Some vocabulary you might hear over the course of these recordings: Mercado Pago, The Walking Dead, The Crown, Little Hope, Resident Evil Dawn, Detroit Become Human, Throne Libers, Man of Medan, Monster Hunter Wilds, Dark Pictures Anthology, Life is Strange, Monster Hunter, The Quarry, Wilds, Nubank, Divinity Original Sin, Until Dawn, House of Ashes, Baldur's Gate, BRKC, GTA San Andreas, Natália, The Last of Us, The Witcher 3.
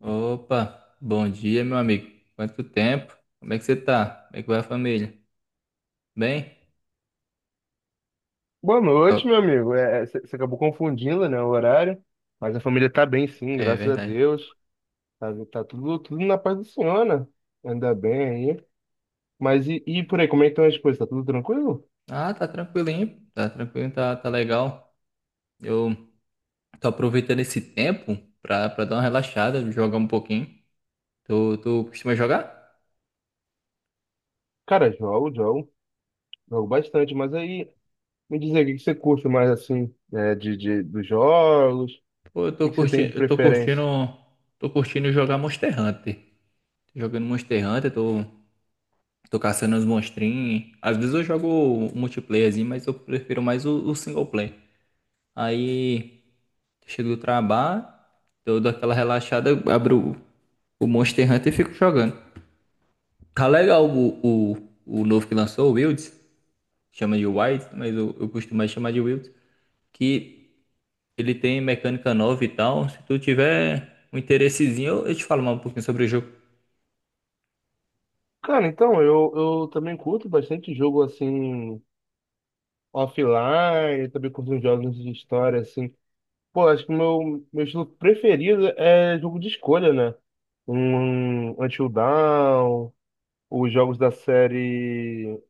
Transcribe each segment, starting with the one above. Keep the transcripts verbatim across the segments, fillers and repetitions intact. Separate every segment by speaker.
Speaker 1: Opa, bom dia, meu amigo. Quanto tempo? Como é que você tá? Como é que vai a família? Bem?
Speaker 2: Boa
Speaker 1: Ó,
Speaker 2: noite, meu amigo. É, você acabou confundindo, né, o horário, mas a família tá bem, sim,
Speaker 1: é
Speaker 2: graças a
Speaker 1: verdade.
Speaker 2: Deus. Tá, tá tudo, tudo na paz do Senhor, né? Ainda bem aí. Mas e, e por aí, como é que estão as coisas? Tá tudo tranquilo?
Speaker 1: Ah, tá tranquilinho, tá tranquilo, tá, tá legal. Eu tô aproveitando esse tempo pra, pra dar uma relaxada, jogar um pouquinho. Tu, tu costuma jogar?
Speaker 2: Cara, jogo, jogo, jogo bastante, mas aí me diz aí, o que que você curte mais, assim, né, de, de, dos jogos? O
Speaker 1: Pô, eu tô
Speaker 2: que que você tem
Speaker 1: curtindo,
Speaker 2: de
Speaker 1: eu tô curtindo,
Speaker 2: preferência?
Speaker 1: tô curtindo jogar Monster Hunter. Tô jogando Monster Hunter, tô, tô caçando os monstrinhos. Às vezes eu jogo o multiplayerzinho, mas eu prefiro mais o, o single player. Aí. Chego do trabalho, eu dou aquela relaxada, eu abro o, Monster Hunter e fico jogando. Tá legal o, o, o novo que lançou, o Wilds, chama de Wilds, mas eu, eu costumo mais chamar de Wilds, que ele tem mecânica nova e tal. Se tu tiver um interessezinho, eu, eu te falo mais um pouquinho sobre o jogo.
Speaker 2: Cara, então, eu, eu também curto bastante jogo, assim, offline, também curto uns jogos de história, assim. Pô, acho que o meu, meu estilo preferido é jogo de escolha, né? Um Until Dawn, os jogos da série.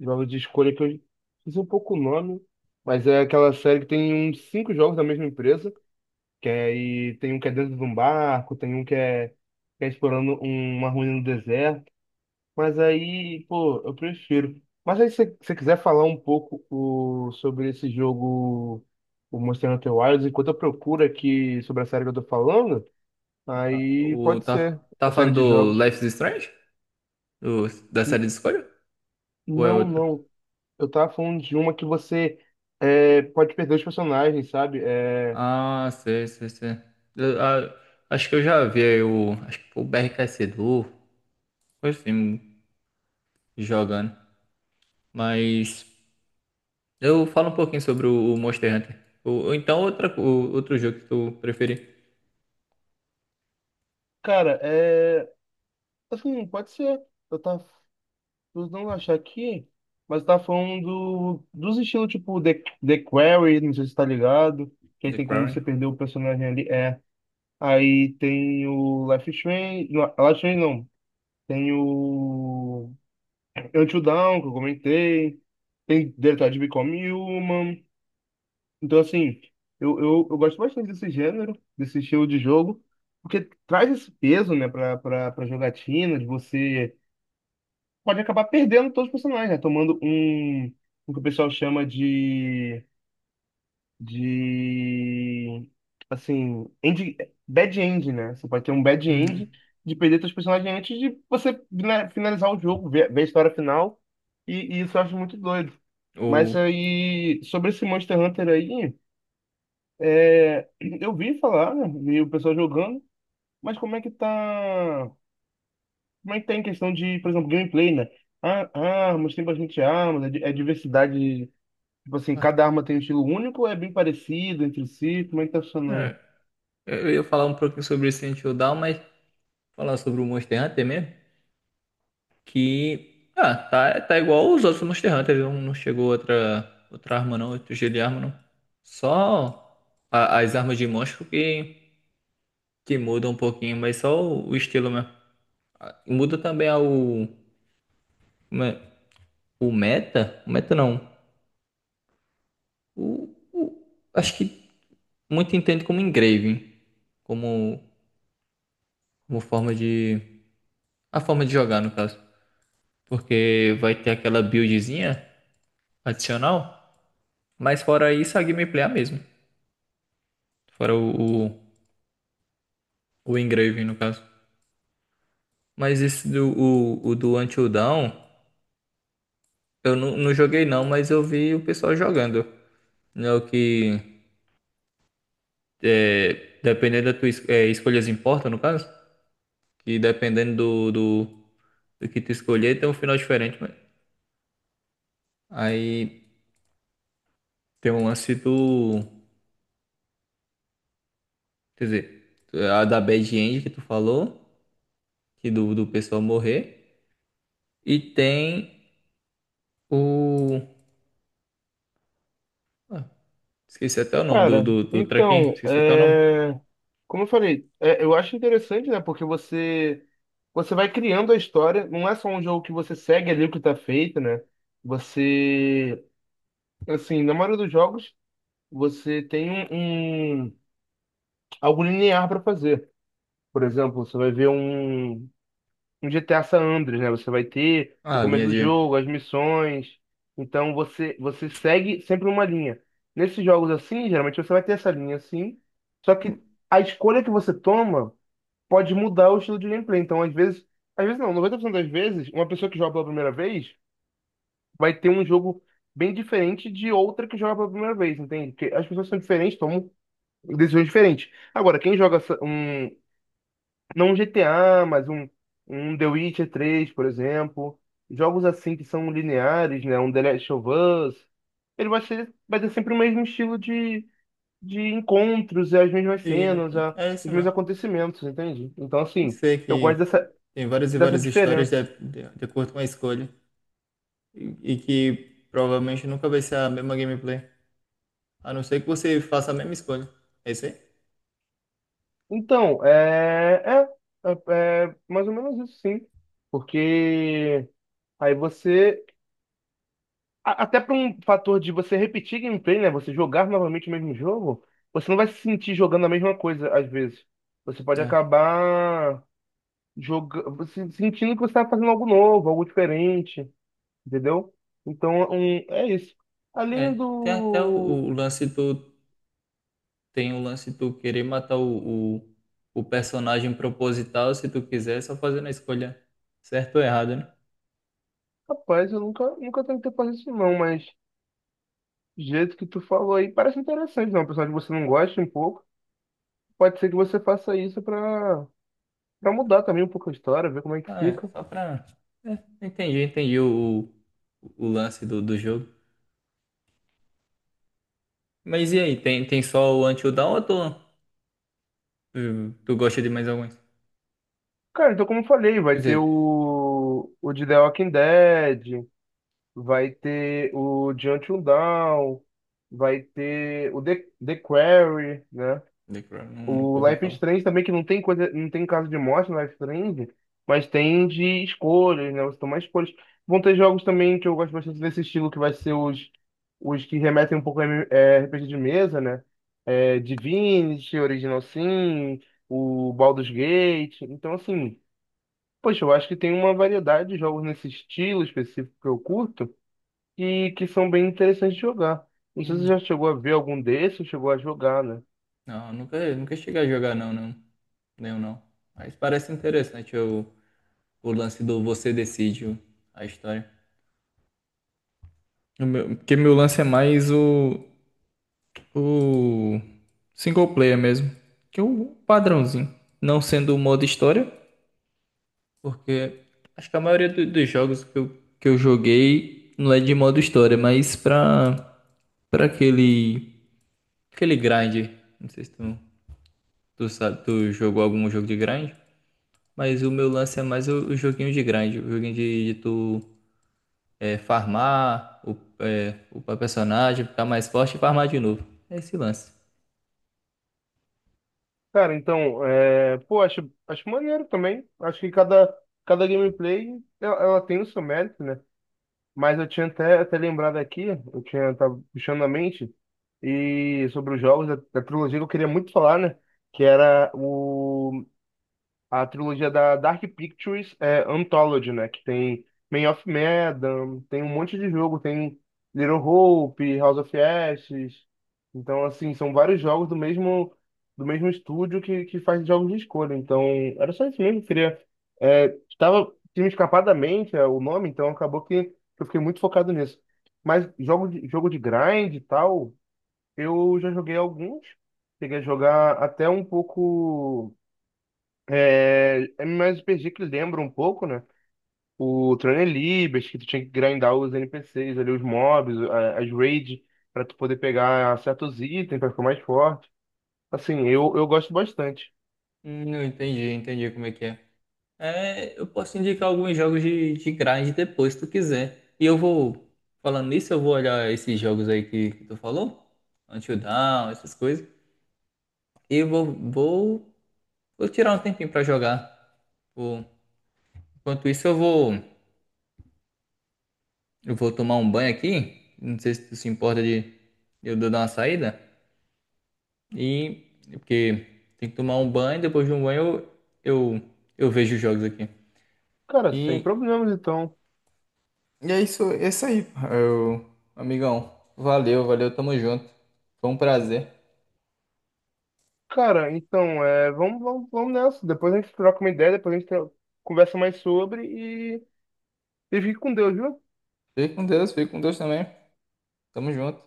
Speaker 2: Jogos de escolha que eu fiz um pouco o nome, mas é aquela série que tem uns cinco jogos da mesma empresa, que aí tem um que é dentro de um barco, tem um que é, que é explorando um- uma ruína no deserto. Mas aí, pô, eu prefiro. Mas aí, se você quiser falar um pouco o, sobre esse jogo, o Monster Hunter Wilds, enquanto eu procuro aqui sobre a série que eu tô falando, aí
Speaker 1: O,
Speaker 2: pode
Speaker 1: tá,
Speaker 2: ser
Speaker 1: tá
Speaker 2: a série de
Speaker 1: falando do
Speaker 2: jogos.
Speaker 1: Life is Strange? Do- da série
Speaker 2: N-
Speaker 1: de escolha? Ou é
Speaker 2: Não,
Speaker 1: outro?
Speaker 2: não. Eu tava falando de uma que você é, pode perder os personagens, sabe? É,
Speaker 1: Ah, sei, sei, sei. Eu- ah, acho que eu já vi aí o. Acho que foi o B R K C do. Foi assim, jogando. Mas eu falo um pouquinho sobre o o Monster Hunter. Ou, ou então outra, o- outro jogo que tu preferir.
Speaker 2: cara, é. Assim, pode ser. Eu tava vou não achar aqui, mas tá falando do- dos estilos tipo The, The Quarry, não sei se tá ligado, que aí
Speaker 1: The
Speaker 2: tem como
Speaker 1: Quarry.
Speaker 2: você perder o personagem ali, é. Aí tem o Life is Strange, não, Life is Strange não, tem o Until Dawn, que eu comentei, tem Detroit Become Human, então assim, eu, eu, eu gosto bastante desse gênero, desse estilo de jogo, porque traz esse peso, né, pra, pra, pra jogatina, de você pode acabar perdendo todos os personagens, né? Tomando um, o que o pessoal chama de, de, assim, end, bad end, né? Você pode ter um bad
Speaker 1: Hum,
Speaker 2: end de perder seus personagens antes de você né, finalizar o jogo, ver, ver a história final, e, e isso eu acho muito doido. Mas
Speaker 1: ou.
Speaker 2: aí, sobre esse Monster Hunter aí, é, eu vi falar, né? Vi o pessoal jogando, mas como é que tá... Mas tem questão de, por exemplo, gameplay, né? Ah, armas, tem bastante armas, é, di- é diversidade. Tipo assim,
Speaker 1: ah,
Speaker 2: cada arma tem um estilo único, é bem parecido entre si, como é que tá funcionando?
Speaker 1: é, eu ia falar um pouquinho sobre Resident Evil Dawn, mas falar sobre o Monster Hunter mesmo. Que. Ah, tá, tá igual os outros Monster Hunter. Não, não chegou outra, outra arma não, outro jeito de arma não. Só a- as armas de monstro que, que mudam um pouquinho, mas só o o estilo mesmo. Muda também ao. O meta? O meta não. O, o- acho que muito entende como engraving, como, como forma de. A forma de jogar, no caso. Porque vai ter aquela buildzinha adicional, mas fora isso a gameplay é a mesma. Fora o, o, o engraving, no caso. Mas esse do, o, o do Until Dawn, eu não, não joguei não, mas eu vi o pessoal jogando. Não é o que. É, dependendo da tua es- é, escolhas importa, no caso? Que dependendo do, do, do que tu escolher, tem um final diferente, mas aí tem um lance do, quer dizer, a da Bad End que tu falou, que do, do pessoal morrer, e tem o, ah, esqueci até o nome do,
Speaker 2: Cara,
Speaker 1: do, do trequinho,
Speaker 2: então,
Speaker 1: esqueci até o nome,
Speaker 2: é, como eu falei, é, eu acho interessante, né? Porque você você vai criando a história, não é só um jogo que você segue ali o que tá feito, né? Você, assim, na maioria dos jogos, você tem um, um- algo linear para fazer. Por exemplo, você vai ver um no G T A San Andreas, né? Você vai ter o
Speaker 1: ah, a
Speaker 2: começo
Speaker 1: linha
Speaker 2: do
Speaker 1: de,
Speaker 2: jogo, as missões. Então você você segue sempre uma linha. Nesses jogos assim, geralmente você vai ter essa linha assim. Só que a escolha que você toma pode mudar o estilo de gameplay. Então, às vezes, às vezes não, noventa por cento das vezes, uma pessoa que joga pela primeira vez vai ter um jogo bem diferente de outra que joga pela primeira vez, entende? Porque as pessoas são diferentes, tomam decisões diferentes. Agora, quem joga essa- um, não um G T A, mas um, um The Witcher três, por exemplo. Jogos assim que são lineares, né? Um The Last of Us. Ele vai ser, vai ter sempre o mesmo estilo de, de encontros, e as mesmas
Speaker 1: de
Speaker 2: cenas,
Speaker 1: gameplay,
Speaker 2: a-
Speaker 1: é isso
Speaker 2: os mesmos
Speaker 1: mesmo.
Speaker 2: acontecimentos, entende? Então, assim,
Speaker 1: Sei
Speaker 2: eu gosto
Speaker 1: que
Speaker 2: dessa,
Speaker 1: tem várias e
Speaker 2: dessa
Speaker 1: várias histórias de,
Speaker 2: diferença.
Speaker 1: de, de acordo com a escolha, e, e que provavelmente nunca vai ser a mesma gameplay, a não ser que você faça a mesma escolha, é isso aí?
Speaker 2: Então, é, é, é, é mais ou menos isso, sim. Porque aí você A- até para um fator de você repetir gameplay, né? Você jogar novamente o mesmo jogo, você não vai se sentir jogando a mesma coisa às vezes. Você pode
Speaker 1: É.
Speaker 2: acabar jogando, sentindo que você está fazendo algo novo, algo diferente, entendeu? Então, um, é isso. Além
Speaker 1: É, tem até o,
Speaker 2: do.
Speaker 1: o lance do. Tem o lance de tu querer matar o, o, o personagem proposital, se tu quiser, só fazendo a escolha certa ou errada, né?
Speaker 2: Rapaz, eu nunca, nunca tentei fazer isso não, mas do jeito que tu falou aí parece interessante, não? Apesar de você não gosta um pouco, pode ser que você faça isso para para mudar também um pouco a história, ver como é que
Speaker 1: Ah, é,
Speaker 2: fica.
Speaker 1: só pra. É, entendi, entendi o, o, o lance do, do jogo. Mas e aí, tem, tem só o Until Dawn ou tu, tu, tu gosta de mais alguns?
Speaker 2: Cara, então como eu falei,
Speaker 1: Quer
Speaker 2: vai ter
Speaker 1: dizer,
Speaker 2: o, o de The Walking Dead, vai ter o de Until Dawn, vai ter o The, The Quarry, né?
Speaker 1: The Crown, nu- nunca
Speaker 2: O
Speaker 1: ouvi
Speaker 2: Life is
Speaker 1: falar.
Speaker 2: Strange também, que não tem coisa, não tem caso de morte no Life is Strange, mas tem de escolhas, né? Você toma escolhas. Vão ter jogos também que eu gosto bastante desse estilo, que vai ser os, os que remetem um pouco a M- é, R P G de mesa, né? É, Divinity, Original Sin, o Baldur's Gate. Então, assim. Poxa, eu acho que tem uma variedade de jogos nesse estilo específico que eu curto e que são bem interessantes de jogar. Não sei se
Speaker 1: Hum,
Speaker 2: você já chegou a ver algum desses ou chegou a jogar, né?
Speaker 1: não, nunca, nunca cheguei a jogar, não, não. Nenhum, não. Mas parece interessante o, o lance do você decide o- a história. O meu- Porque meu lance é mais o, o single player mesmo. Que é o padrãozinho. Não sendo o modo história, porque acho que a maioria do- dos jogos que eu, que eu joguei não é de modo história, mas pra, pra aquele, aquele grind. Não sei se tu, tu sabe, tu jogou algum jogo de grind, mas o meu lance é mais o, o joguinho de grind, o joguinho de, de tu é, farmar, o, é, upar personagem, ficar mais forte e farmar de novo. É esse lance.
Speaker 2: Cara, então, é... pô, acho, acho maneiro também. Acho que cada, cada gameplay ela, ela tem o seu mérito, né? Mas eu tinha até, até lembrado aqui, eu tinha tava puxando na mente e sobre os jogos da, da trilogia que eu queria muito falar, né? Que era o a trilogia da Dark Pictures é Anthology, né? Que tem Man of Medan, tem um monte de jogo, tem Little Hope, House of Ashes. Então, assim, são vários jogos do mesmo do mesmo estúdio que, que faz jogos de escolha. Então, era só isso mesmo, eu queria. É, estava tinha me escapado da mente é, o nome, então acabou que eu fiquei muito focado nisso. Mas jogo de, jogo de grind e tal, eu já joguei alguns. Cheguei a jogar até um pouco. É, é mais R P G que lembra um pouco, né? O Throne Libers, que tu tinha que grindar os N P Cs ali, os mobs, a- as raids, pra tu poder pegar certos itens pra ficar mais forte. Assim, eu, eu gosto bastante.
Speaker 1: Hum, eu entendi, entendi como é que é. É, eu posso indicar alguns jogos de, de grind depois, se tu quiser. E eu vou, falando nisso, eu vou olhar esses jogos aí que, que tu falou, Until Dawn, essas coisas. E eu vou, vou, vou tirar um tempinho pra jogar. Vou- enquanto isso, eu vou, eu vou tomar um banho aqui. Não sei se tu se importa de eu dar uma saída. E, porque tem que tomar um banho, depois de um banho eu, eu, eu vejo os jogos aqui.
Speaker 2: Cara, sem
Speaker 1: E
Speaker 2: problemas, então.
Speaker 1: E é isso, é isso aí, eu, amigão. Valeu, valeu, tamo junto. Foi um prazer.
Speaker 2: Cara, então, é, vamos, vamos, vamos nessa. Depois a gente troca uma ideia, depois a gente tro- conversa mais sobre e, e fique com Deus, viu?
Speaker 1: Fique com Deus, fique com Deus também. Tamo junto.